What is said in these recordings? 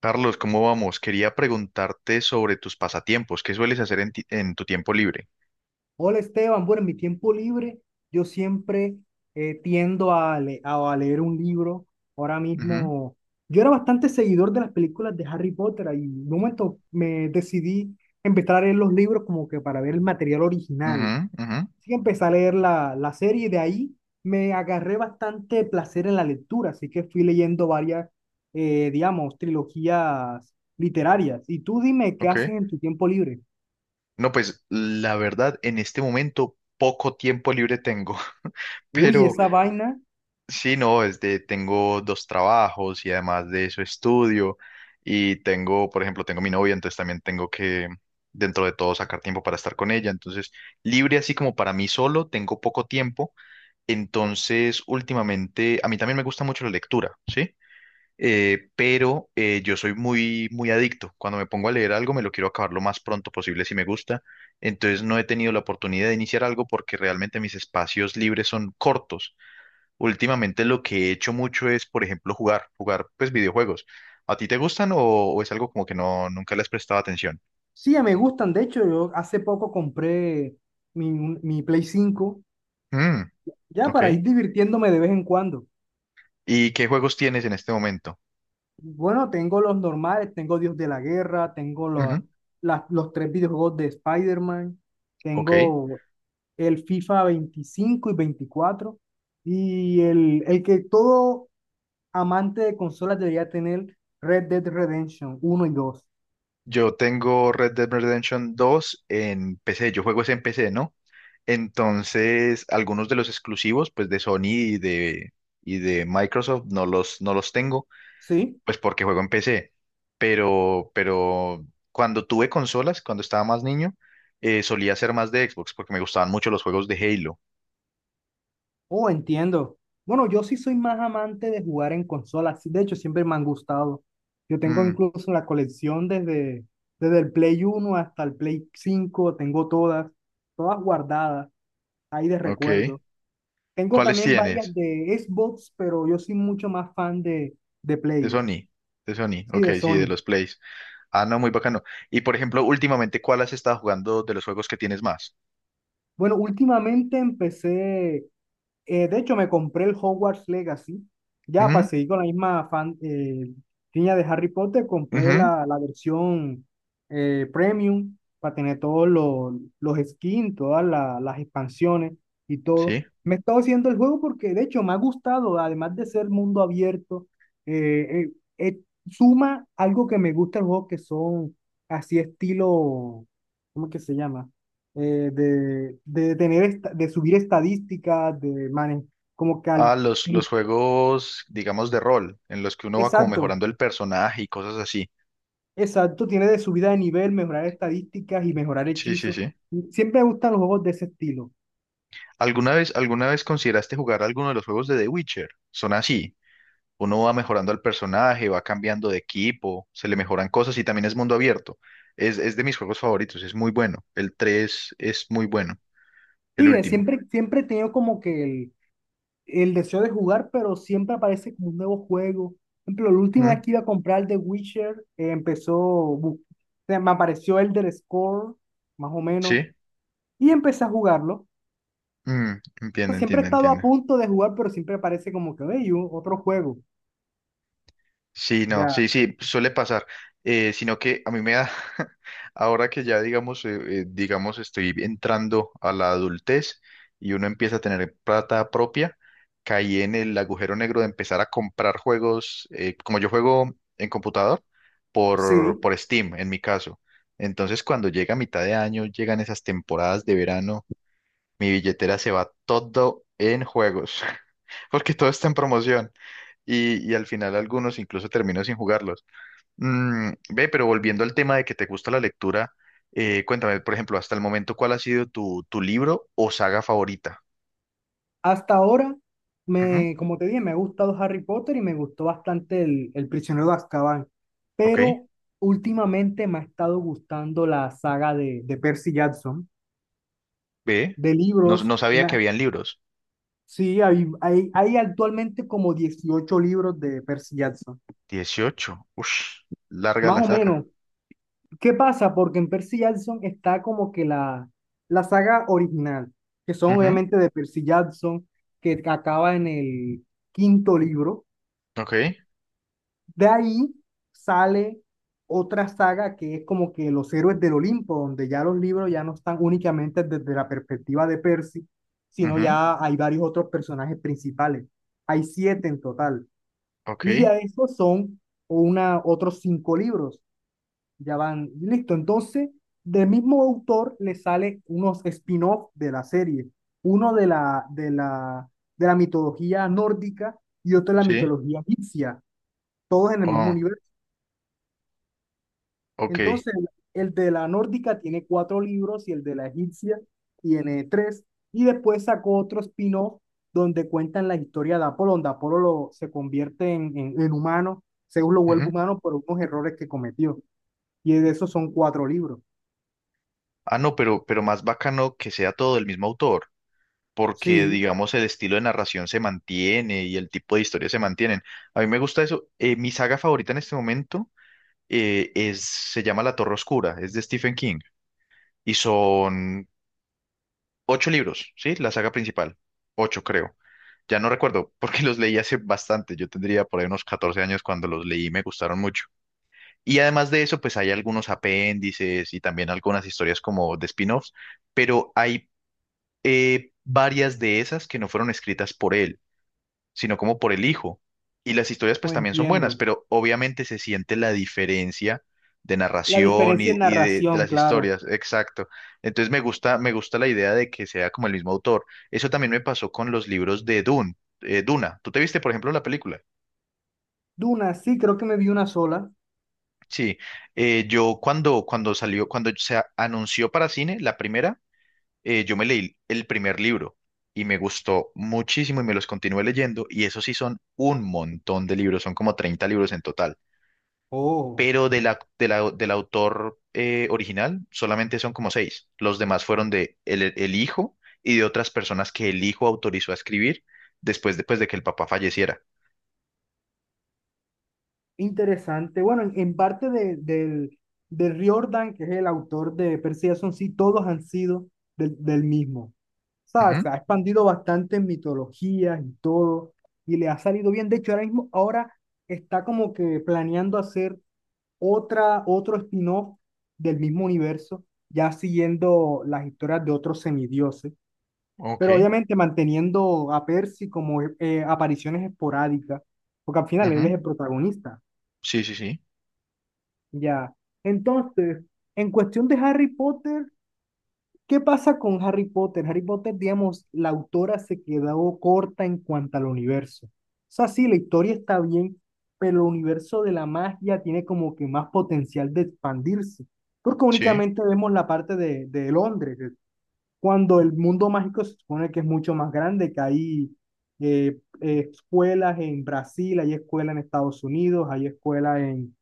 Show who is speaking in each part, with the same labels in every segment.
Speaker 1: Carlos, ¿cómo vamos? Quería preguntarte sobre tus pasatiempos. ¿Qué sueles hacer en tu tiempo libre?
Speaker 2: Hola Esteban, bueno, en mi tiempo libre yo siempre tiendo a leer un libro. Ahora
Speaker 1: Ujú.
Speaker 2: mismo, yo era bastante seguidor de las películas de Harry Potter y en un momento me decidí empezar a leer los libros como que para ver el material
Speaker 1: Ujú.
Speaker 2: original.
Speaker 1: Ujú.
Speaker 2: Así que empecé a leer la serie y de ahí me agarré bastante placer en la lectura, así que fui leyendo varias, digamos, trilogías literarias. Y tú dime, ¿qué
Speaker 1: Ok.
Speaker 2: haces en tu tiempo libre?
Speaker 1: No, pues la verdad, en este momento poco tiempo libre tengo.
Speaker 2: Uy,
Speaker 1: Pero
Speaker 2: esa vaina.
Speaker 1: sí, no, tengo dos trabajos y además de eso estudio y tengo, por ejemplo, tengo mi novia, entonces también tengo que, dentro de todo, sacar tiempo para estar con ella. Entonces, libre así como para mí solo, tengo poco tiempo. Entonces, últimamente, a mí también me gusta mucho la lectura, ¿sí? Pero yo soy muy, muy adicto. Cuando me pongo a leer algo, me lo quiero acabar lo más pronto posible si me gusta. Entonces no he tenido la oportunidad de iniciar algo porque realmente mis espacios libres son cortos. Últimamente lo que he hecho mucho es, por ejemplo, jugar pues videojuegos. ¿A ti te gustan o es algo como que no, nunca le has prestado atención?
Speaker 2: Sí, ya me gustan. De hecho, yo hace poco compré mi Play 5,
Speaker 1: Mm.
Speaker 2: ya
Speaker 1: Ok.
Speaker 2: para ir divirtiéndome de vez en cuando.
Speaker 1: ¿Y qué juegos tienes en este momento?
Speaker 2: Bueno, tengo los normales, tengo Dios de la Guerra, tengo lo-
Speaker 1: Ujú.
Speaker 2: la- los tres videojuegos de Spider-Man,
Speaker 1: Ok.
Speaker 2: tengo el FIFA 25 y 24 y el que todo amante de consolas debería tener, Red Dead Redemption 1 y 2.
Speaker 1: Yo tengo Red Dead Redemption dos en PC. Yo juego es en PC, ¿no? Entonces, algunos de los exclusivos, pues de Sony y de Microsoft, no los tengo,
Speaker 2: ¿Sí?
Speaker 1: pues porque juego en PC. Pero cuando tuve consolas, cuando estaba más niño, solía ser más de Xbox porque me gustaban mucho los juegos de Halo.
Speaker 2: Oh, entiendo. Bueno, yo sí soy más amante de jugar en consolas. De hecho, siempre me han gustado. Yo tengo
Speaker 1: Mm.
Speaker 2: incluso la colección desde, desde el Play 1 hasta el Play 5. Tengo todas, todas guardadas, ahí de
Speaker 1: Ok.
Speaker 2: recuerdo. Tengo
Speaker 1: ¿Cuáles
Speaker 2: también varias
Speaker 1: tienes?
Speaker 2: de Xbox, pero yo soy mucho más fan de
Speaker 1: De
Speaker 2: Play,
Speaker 1: Sony. De Sony.
Speaker 2: sí,
Speaker 1: Ok,
Speaker 2: de
Speaker 1: sí, de
Speaker 2: Sony.
Speaker 1: los Plays. Ah, no, muy bacano. Y por ejemplo, últimamente, ¿cuál has estado jugando de los juegos que tienes más?
Speaker 2: Bueno, últimamente empecé. De hecho, me compré el Hogwarts Legacy. Ya para
Speaker 1: Ujú.
Speaker 2: seguir con la misma fan, línea de Harry Potter, compré
Speaker 1: Ujú.
Speaker 2: la versión premium para tener todos los skins, todas las expansiones y todo.
Speaker 1: Sí.
Speaker 2: Me he estado haciendo el juego porque, de hecho, me ha gustado, además de ser mundo abierto, eh, eh, eh, suma algo que me gusta el juego, que son así estilo, ¿cómo es que se llama? De de subir estadísticas, de manejar, como que al-
Speaker 1: Ah, los juegos, digamos, de rol, en los que uno va como
Speaker 2: exacto,
Speaker 1: mejorando el personaje y cosas así.
Speaker 2: exacto, tiene de subida de nivel, mejorar estadísticas y mejorar
Speaker 1: Sí, sí,
Speaker 2: hechizos.
Speaker 1: sí.
Speaker 2: Siempre me gustan los juegos de ese estilo.
Speaker 1: ¿Alguna vez, consideraste jugar alguno de los juegos de The Witcher? Son así. Uno va mejorando al personaje, va cambiando de equipo, se le mejoran cosas y también es mundo abierto. Es de mis juegos favoritos, es muy bueno. El 3 es muy bueno, el
Speaker 2: Sí,
Speaker 1: último.
Speaker 2: siempre he tenido como que el deseo de jugar, pero siempre aparece como un nuevo juego. Por ejemplo, la última
Speaker 1: Mm.
Speaker 2: vez que iba a comprar el de Witcher, o sea, me apareció el del Score, más o menos,
Speaker 1: ¿Sí?
Speaker 2: y empecé a jugarlo.
Speaker 1: Mm, entiende,
Speaker 2: Siempre he
Speaker 1: entiende,
Speaker 2: estado a
Speaker 1: entiende.
Speaker 2: punto de jugar, pero siempre aparece como que, hey, otro juego.
Speaker 1: Sí, no,
Speaker 2: Ya.
Speaker 1: sí, sí, suele pasar. Sino que a mí me da, ahora que ya digamos, digamos, estoy entrando a la adultez y uno empieza a tener plata propia, caí en el agujero negro de empezar a comprar juegos, como yo juego en computador, por,
Speaker 2: Sí.
Speaker 1: por Steam, en mi caso. Entonces, cuando llega mitad de año, llegan esas temporadas de verano, mi billetera se va todo en juegos, porque todo está en promoción y al final algunos incluso termino sin jugarlos. Mm, ve, pero volviendo al tema de que te gusta la lectura, cuéntame, por ejemplo, hasta el momento, ¿cuál ha sido tu libro o saga favorita?
Speaker 2: Hasta ahora,
Speaker 1: Ujú.
Speaker 2: me, como te dije, me ha gustado Harry Potter y me gustó bastante el Prisionero de Azkaban,
Speaker 1: Ok.
Speaker 2: pero últimamente me ha estado gustando la saga de Percy Jackson,
Speaker 1: Ve,
Speaker 2: de
Speaker 1: no,
Speaker 2: libros.
Speaker 1: no sabía que habían libros.
Speaker 2: Sí, hay actualmente como 18 libros de Percy Jackson,
Speaker 1: 18. Uff, larga
Speaker 2: más
Speaker 1: la
Speaker 2: o
Speaker 1: saga.
Speaker 2: menos. ¿Qué pasa? Porque en Percy Jackson está como que la saga original, que son
Speaker 1: Ujú.
Speaker 2: obviamente de Percy Jackson, que acaba en el quinto libro.
Speaker 1: Ok.
Speaker 2: De ahí sale otra saga que es como que los héroes del Olimpo, donde ya los libros ya no están únicamente desde la perspectiva de Percy, sino
Speaker 1: Ujú.
Speaker 2: ya hay varios otros personajes principales. Hay siete en total.
Speaker 1: Ok.
Speaker 2: Y ya esos son una, otros cinco libros. Ya van, listo. Entonces, del mismo autor le sale unos spin-off de la serie, uno de de la mitología nórdica y otro de la
Speaker 1: Sí.
Speaker 2: mitología egipcia, todos en el mismo
Speaker 1: Oh.
Speaker 2: universo.
Speaker 1: Ok.
Speaker 2: Entonces, el de la nórdica tiene cuatro libros y el de la egipcia tiene tres. Y después sacó otro spin-off donde cuentan la historia de Apolo, donde Apolo se convierte en humano, Zeus lo vuelve
Speaker 1: Ujú.
Speaker 2: humano por unos errores que cometió. Y de esos son cuatro libros.
Speaker 1: Ah, no, pero más bacano que sea todo del mismo autor, porque
Speaker 2: Sí.
Speaker 1: digamos el estilo de narración se mantiene y el tipo de historia se mantienen. A mí me gusta eso. Mi saga favorita en este momento. Se llama La Torre Oscura, es de Stephen King y son ocho libros, ¿sí? La saga principal, ocho creo. Ya no recuerdo porque los leí hace bastante, yo tendría por ahí unos 14 años cuando los leí, y me gustaron mucho. Y además de eso, pues hay algunos apéndices y también algunas historias como de spin-offs, pero hay varias de esas que no fueron escritas por él sino como por el hijo. Y las historias pues
Speaker 2: Oh,
Speaker 1: también son buenas,
Speaker 2: entiendo.
Speaker 1: pero obviamente se siente la diferencia de
Speaker 2: La
Speaker 1: narración
Speaker 2: diferencia
Speaker 1: y,
Speaker 2: en
Speaker 1: y de
Speaker 2: narración,
Speaker 1: las
Speaker 2: claro.
Speaker 1: historias, exacto. Entonces me gusta la idea de que sea como el mismo autor. Eso también me pasó con los libros de Dune, Duna. ¿Tú te viste, por ejemplo, la película?
Speaker 2: Duna, sí, creo que me vi una sola.
Speaker 1: Sí, yo cuando salió, cuando se anunció para cine, la primera, yo me leí el primer libro y me gustó muchísimo y me los continué leyendo y eso sí son un montón de libros, son como 30 libros en total.
Speaker 2: Oh,
Speaker 1: Pero del autor original solamente son como seis. Los demás fueron de el hijo y de otras personas que el hijo autorizó a escribir después de, pues, de que el papá falleciera.
Speaker 2: interesante. Bueno, en parte del Riordan, que es el autor de Percy Jackson, sí, todos han sido del mismo. O sea, se
Speaker 1: Ujú.
Speaker 2: ha expandido bastante en mitologías y todo, y le ha salido bien. De hecho, ahora mismo, ahora está como que planeando hacer otra, otro spin-off del mismo universo, ya siguiendo las historias de otros semidioses,
Speaker 1: Ok.
Speaker 2: pero obviamente manteniendo a Percy como apariciones esporádicas, porque al final él es
Speaker 1: Ujú.
Speaker 2: el protagonista,
Speaker 1: Sí, sí, sí.
Speaker 2: ya. Entonces, en cuestión de Harry Potter, ¿qué pasa con Harry Potter? Harry Potter, digamos, la autora se quedó corta en cuanto al universo. O sea, sí, la historia está bien, pero el universo de la magia tiene como que más potencial de expandirse, porque
Speaker 1: Sí.
Speaker 2: únicamente vemos la parte de Londres, cuando el mundo mágico se supone que es mucho más grande, que hay escuelas en Brasil, hay escuelas en Estados Unidos, hay escuelas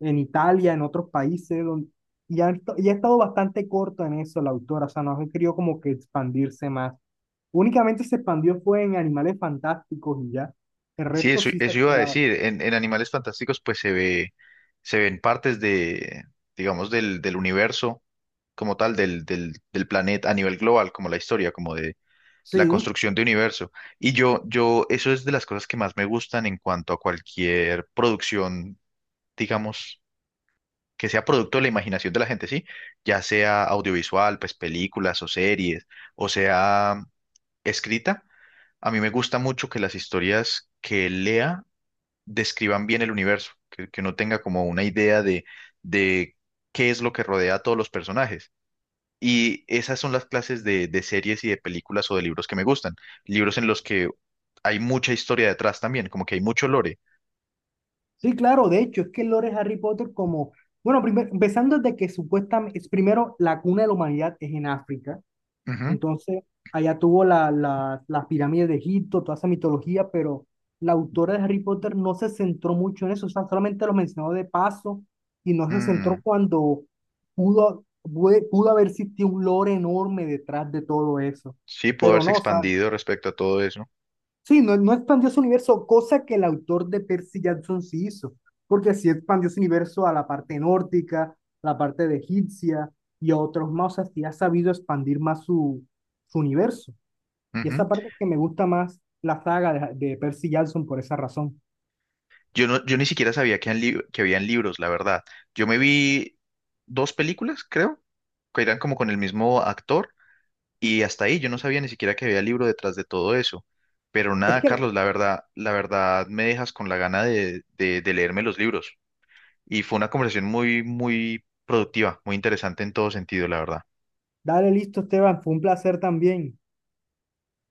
Speaker 2: en Italia, en otros países, donde, y ha estado bastante corto en eso la autora, o sea, no ha querido como que expandirse más. Únicamente se expandió fue en Animales Fantásticos y ya, el
Speaker 1: Sí,
Speaker 2: resto
Speaker 1: eso,
Speaker 2: sí se ha
Speaker 1: eso iba a
Speaker 2: quedado.
Speaker 1: decir. En Animales Fantásticos, pues se ven partes de, digamos, del universo como tal, del planeta a nivel global, como la historia, como de la
Speaker 2: Sí,
Speaker 1: construcción de universo. Y eso es de las cosas que más me gustan en cuanto a cualquier producción, digamos, que sea producto de la imaginación de la gente, sí, ya sea audiovisual, pues películas o series, o sea escrita. A mí me gusta mucho que las historias que lea describan bien el universo, que uno tenga como una idea de qué es lo que rodea a todos los personajes. Y esas son las clases de series y de películas o de libros que me gustan. Libros en los que hay mucha historia detrás también, como que hay mucho lore.
Speaker 2: sí, claro, de hecho, es que el lore de Harry Potter como... Bueno, empezando desde que supuestamente, es primero, la cuna de la humanidad es en África.
Speaker 1: Ujú.
Speaker 2: Entonces, allá tuvo las pirámides de Egipto, toda esa mitología, pero la autora de Harry Potter no se centró mucho en eso, o sea, solamente lo mencionó de paso y no se centró
Speaker 1: Mm.
Speaker 2: cuando pudo haber existido un lore enorme detrás de todo eso.
Speaker 1: Sí, pudo
Speaker 2: Pero
Speaker 1: haberse
Speaker 2: no, o sea,
Speaker 1: expandido respecto a todo eso.
Speaker 2: sí, no, no expandió su universo, cosa que el autor de Percy Jackson sí hizo, porque sí expandió su universo a la parte nórdica, la parte de egipcia y a otros más, o sea, sí ha sabido expandir más su, su universo. Y
Speaker 1: Ujú.
Speaker 2: esa parte es que me gusta más la saga de Percy Jackson por esa razón.
Speaker 1: Yo no, yo ni siquiera sabía que habían libros, la verdad. Yo me vi dos películas, creo, que eran como con el mismo actor, y hasta ahí yo no sabía ni siquiera que había libro detrás de todo eso. Pero
Speaker 2: Es
Speaker 1: nada,
Speaker 2: que,
Speaker 1: Carlos, la verdad me dejas con la gana de leerme los libros. Y fue una conversación muy, muy productiva, muy interesante en todo sentido, la verdad.
Speaker 2: dale listo, Esteban, fue un placer también.